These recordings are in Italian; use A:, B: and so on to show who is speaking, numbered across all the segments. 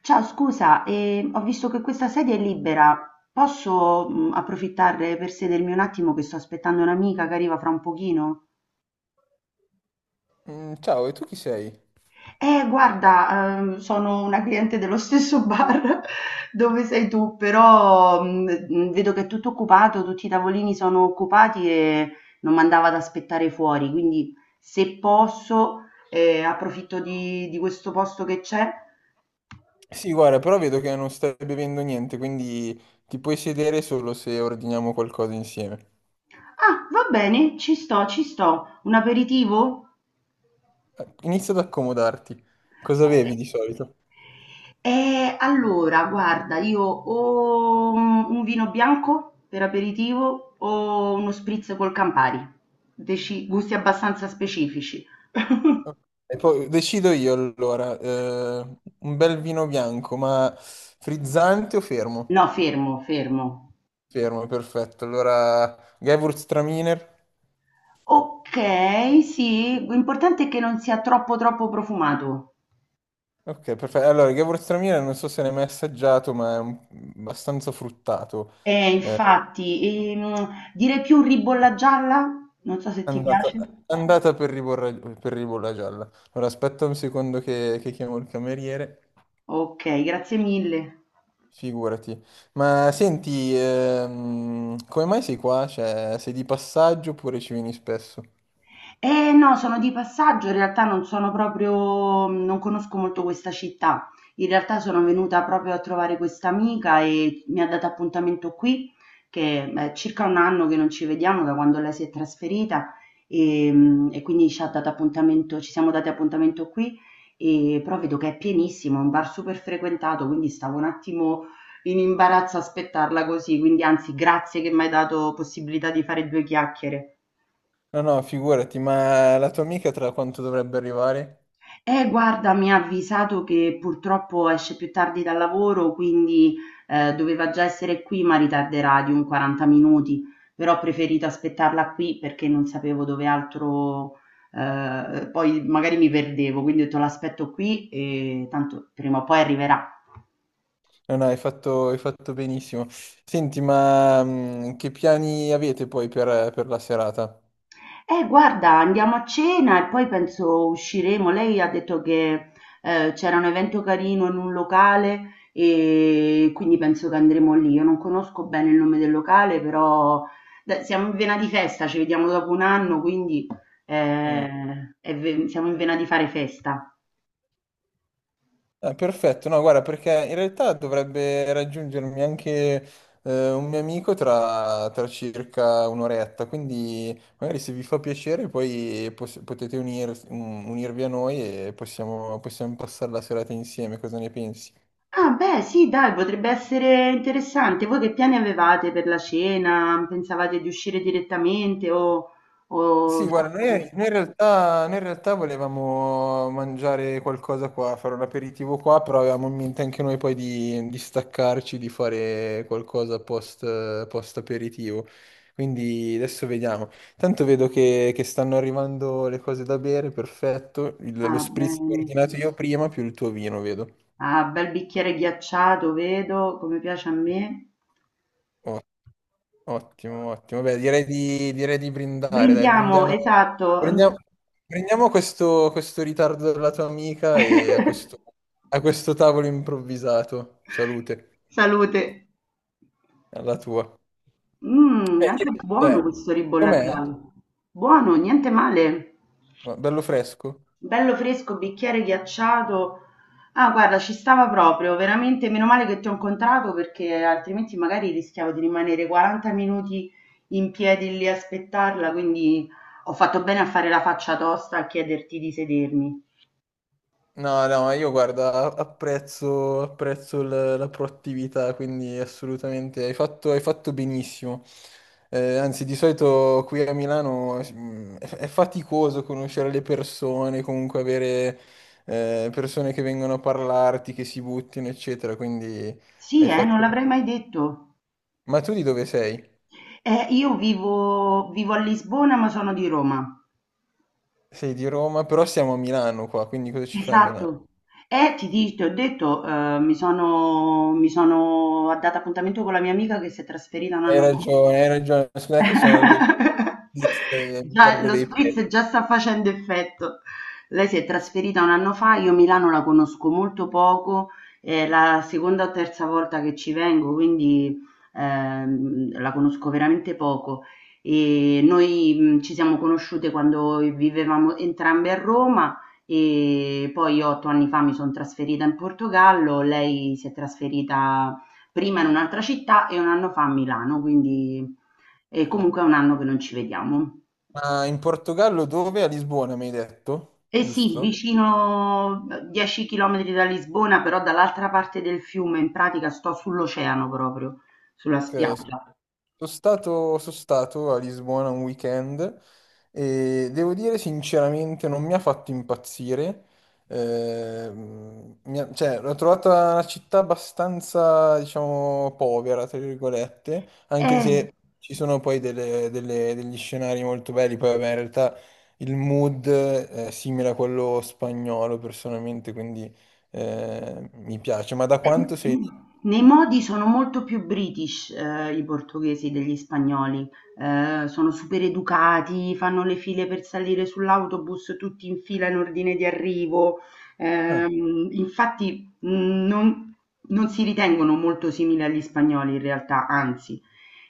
A: Ciao, scusa, ho visto che questa sedia è libera. Posso, approfittare per sedermi un attimo che sto aspettando un'amica che arriva fra un pochino?
B: Mm, ciao, e tu chi sei?
A: Guarda, sono una cliente dello stesso bar dove sei tu, però vedo che è tutto occupato, tutti i tavolini sono occupati e non mandava ad aspettare fuori, quindi se posso, approfitto di questo posto che c'è.
B: Sì, guarda, però vedo che non stai bevendo niente, quindi ti puoi sedere solo se ordiniamo qualcosa insieme.
A: Ah, va bene, ci sto, ci sto. Un aperitivo?
B: Inizia ad accomodarti. Cosa bevi di solito?
A: Allora guarda io o un vino bianco per aperitivo o uno spritz col Campari. Deci gusti abbastanza specifici.
B: E poi decido io allora, un bel vino bianco, ma frizzante o fermo?
A: No, fermo, fermo.
B: Fermo, perfetto. Allora, Gewürztraminer.
A: Ok, sì, l'importante è che non sia troppo profumato.
B: Ok, perfetto. Allora, il Gewürztraminer non so se l'hai mai assaggiato, ma è abbastanza fruttato. Eh,
A: Infatti, direi più ribolla gialla? Non so se ti piace.
B: Andata, andata per ribolla gialla. Allora, aspetta un secondo che chiamo il cameriere.
A: Ok, grazie mille.
B: Figurati. Ma senti, come mai sei qua? Cioè, sei di passaggio oppure ci vieni spesso?
A: Eh no, sono di passaggio, in realtà non sono proprio, non conosco molto questa città. In realtà sono venuta proprio a trovare questa amica e mi ha dato appuntamento qui, che è circa un anno che non ci vediamo da quando lei si è trasferita e, e quindi ci ha dato appuntamento, ci siamo dati appuntamento qui e però vedo che è pienissimo, è un bar super frequentato, quindi stavo un attimo in imbarazzo a aspettarla così, quindi anzi grazie che mi hai dato possibilità di fare due chiacchiere.
B: No, no, figurati, ma la tua amica tra quanto dovrebbe arrivare?
A: Guarda, mi ha avvisato che purtroppo esce più tardi dal lavoro, quindi doveva già essere qui, ma ritarderà di un 40 minuti. Però ho preferito aspettarla qui perché non sapevo dove altro, poi magari mi perdevo, quindi ho detto l'aspetto qui e tanto prima o poi arriverà.
B: No, no, hai fatto benissimo. Senti, ma che piani avete poi per la serata?
A: Guarda, andiamo a cena e poi penso usciremo. Lei ha detto che c'era un evento carino in un locale e quindi penso che andremo lì. Io non conosco bene il nome del locale, però dai, siamo in vena di festa, ci vediamo dopo un anno, quindi
B: Mm.
A: siamo in vena di fare festa.
B: Perfetto, no, guarda, perché in realtà dovrebbe raggiungermi anche un mio amico tra circa un'oretta, quindi magari se vi fa piacere poi potete unirvi a noi e possiamo passare la serata insieme, cosa ne pensi?
A: Ah, beh, sì, dai, potrebbe essere interessante. Voi che piani avevate per la cena? Pensavate di uscire direttamente o...
B: Sì, guarda, noi in realtà volevamo mangiare qualcosa qua, fare un aperitivo qua, però avevamo in mente anche noi poi di staccarci, di fare qualcosa post aperitivo. Quindi adesso vediamo. Tanto vedo che stanno arrivando le cose da bere, perfetto. Lo
A: Ah,
B: spritz che ho
A: bene.
B: ordinato io prima, più il tuo vino, vedo.
A: Ah, bel bicchiere ghiacciato, vedo, come piace a me.
B: Ottimo, ottimo. Beh, direi di brindare, dai,
A: Brindiamo, esatto.
B: brindiamo- brindiamo questo ritardo della tua amica e a questo, a questo tavolo improvvisato. Salute,
A: Salute.
B: alla tua.
A: Mmm,
B: Eh,
A: anche
B: direi-
A: buono
B: eh,
A: questo ribolla
B: com'è?
A: giallo. Buono, niente male.
B: Ma bello fresco?
A: Bello fresco, bicchiere ghiacciato. Ah, guarda, ci stava proprio, veramente meno male che ti ho incontrato perché altrimenti magari rischiavo di rimanere 40 minuti in piedi lì a aspettarla, quindi ho fatto bene a fare la faccia tosta a chiederti di sedermi.
B: No, no, ma io guarda, apprezzo la proattività, quindi assolutamente hai fatto benissimo. Anzi, di solito qui a Milano è faticoso conoscere le persone, comunque avere persone che vengono a parlarti, che si buttino, eccetera, quindi
A: Sì,
B: hai
A: non
B: fatto bene.
A: l'avrei mai detto.
B: Ma tu di dove sei?
A: Io vivo a Lisbona, ma sono di Roma.
B: Sei di Roma, però siamo a Milano qua, quindi cosa ci fai a
A: Esatto.
B: Milano?
A: Ti ho detto, mi sono data appuntamento con la mia amica che si è trasferita un anno fa.
B: Hai ragione, scusa che mi
A: Già,
B: perdo
A: lo
B: dei pezzi.
A: spritz già sta facendo effetto. Lei si è trasferita un anno fa, io Milano la conosco molto poco, è la seconda o terza volta che ci vengo, quindi la conosco veramente poco. E noi ci siamo conosciute quando vivevamo entrambe a Roma e poi io otto anni fa mi son trasferita in Portogallo, lei si è trasferita prima in un'altra città e un anno fa a Milano, quindi e comunque è un anno che non ci vediamo.
B: Ma in Portogallo dove? A Lisbona mi hai detto,
A: Eh sì,
B: giusto?
A: vicino 10 chilometri da Lisbona, però dall'altra parte del fiume, in pratica sto sull'oceano proprio, sulla
B: Ok,
A: spiaggia.
B: sono stato a Lisbona un weekend e devo dire sinceramente non mi ha fatto impazzire. Cioè, l'ho trovata una città abbastanza, diciamo, povera, tra virgolette, anche
A: Eh.
B: se ci sono poi degli scenari molto belli. Poi, vabbè, in realtà il mood è simile a quello spagnolo personalmente, quindi mi piace. Ma da quanto sei lì?
A: Nei modi sono molto più british, i portoghesi degli spagnoli, sono super educati, fanno le file per salire sull'autobus tutti in fila in ordine di arrivo, infatti, non si ritengono molto simili agli spagnoli in realtà, anzi.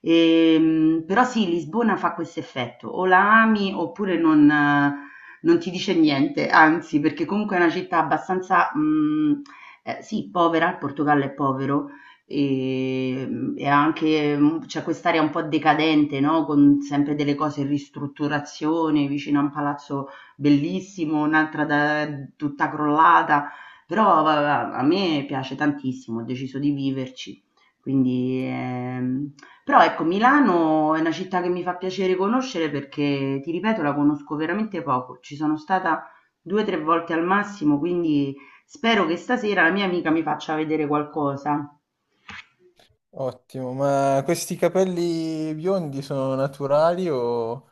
A: Però sì, Lisbona fa questo effetto, o la ami oppure non non ti dice niente, anzi, perché comunque è una città abbastanza, mhmm sì, povera, il Portogallo è povero e, e anche, c'è quest'area un po' decadente, no, con sempre delle cose in ristrutturazione, vicino a un palazzo bellissimo, un'altra da tutta crollata, però va a me piace tantissimo, ho deciso di viverci. Quindi, però ecco Milano è una città che mi fa piacere conoscere perché, ti ripeto, la conosco veramente poco. Ci sono stata 2, 3 volte al massimo, quindi spero che stasera la mia amica mi faccia vedere qualcosa.
B: Ottimo, ma questi capelli biondi sono naturali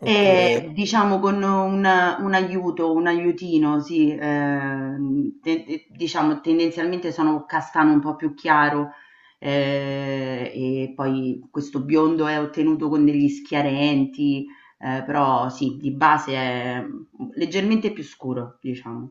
B: oppure?
A: E diciamo con un aiuto, un aiutino, sì, diciamo tendenzialmente sono castano un po' più chiaro e poi questo biondo è ottenuto con degli schiarenti, però sì, di base è leggermente più scuro, diciamo.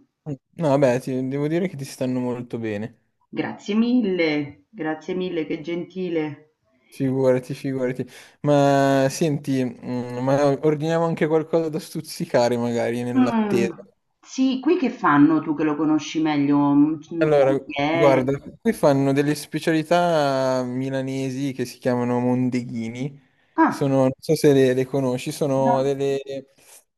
B: No, vabbè, devo dire che ti stanno molto bene.
A: Grazie mille, che gentile.
B: Figurati, figurati. Ma senti, ma ordiniamo anche qualcosa da stuzzicare magari nell'attesa.
A: Mh, sì, qui che fanno tu che lo conosci meglio? Un
B: Allora,
A: tagliere?
B: guarda, qui fanno delle specialità milanesi che si chiamano mondeghini.
A: Ah,
B: Sono, non so se le conosci, sono
A: no.
B: delle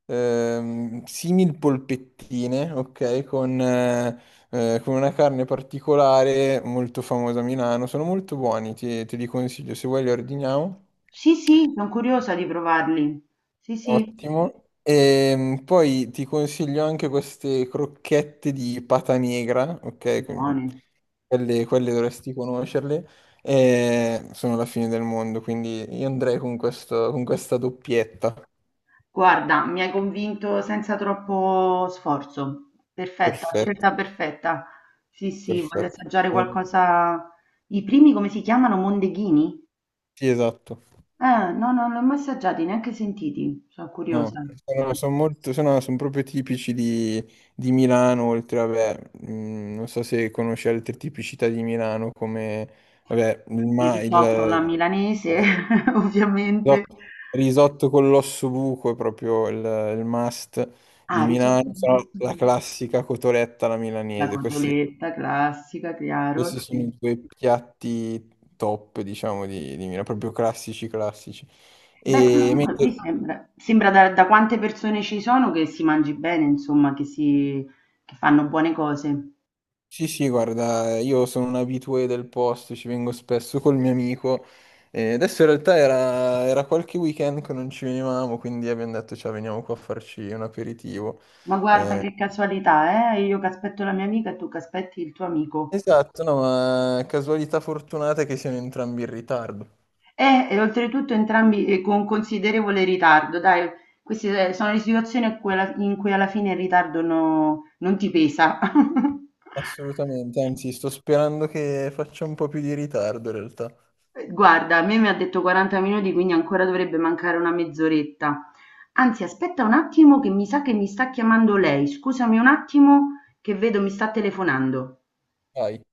B: simil polpettine, ok? Con una carne particolare molto famosa a Milano. Sono molto buoni, te li consiglio. Se vuoi li ordiniamo.
A: Sì, sì, son curiosa di provarli. Sì, sì,
B: Ottimo. E poi ti consiglio anche queste crocchette di pata negra, ok? Quindi
A: buoni.
B: quelle dovresti conoscerle. E sono la fine del mondo, quindi io andrei con con questa doppietta.
A: Guarda, mi hai convinto senza troppo sforzo. Perfetta,
B: Perfetto,
A: scelta perfetta. Sì, sì, voglio
B: perfetto.
A: assaggiare qualcosa i primi come si chiamano? Mondeghini?
B: Sì, esatto.
A: No, no, non li ho mai assaggiati, neanche sentiti. Sono curiosa.
B: No, sono proprio tipici di Milano, oltre, vabbè, non so se conosci altre tipicità di Milano come, vabbè,
A: Il risotto alla milanese, ovviamente.
B: Risotto risotto con l'osso buco è proprio il must di
A: Ah, risotto
B: Milano, se no
A: giusto,
B: la classica cotoletta alla
A: la
B: milanese. Questi,
A: cotoletta classica,
B: questi
A: chiaro,
B: sono
A: sì.
B: i due piatti top, diciamo, di Milano, proprio classici, classici.
A: Beh,
B: E
A: comunque qui
B: mentre-
A: sembra, sembra da, da quante persone ci sono che si mangi bene, insomma, che, si, che fanno buone cose.
B: sì, sì, guarda, io sono un abitué del posto, ci vengo spesso col mio amico. E adesso in realtà era qualche weekend che non ci venivamo, quindi abbiamo detto, ciao, veniamo qua a farci un aperitivo.
A: Ma guarda
B: Eh,
A: che casualità, eh? Io che aspetto la mia amica e tu che aspetti il tuo amico.
B: Esatto, no, ma casualità fortunata che siano entrambi in ritardo.
A: Oltretutto entrambi con considerevole ritardo, dai, queste sono le situazioni a cui in cui alla fine il ritardo non ti pesa.
B: Assolutamente, anzi, sto sperando che faccia un po' più di ritardo in realtà.
A: Guarda, a me mi ha detto 40 minuti, quindi ancora dovrebbe mancare una mezz'oretta. Anzi, aspetta un attimo che mi sa che mi sta chiamando lei. Scusami un attimo che vedo mi sta telefonando.
B: Vai.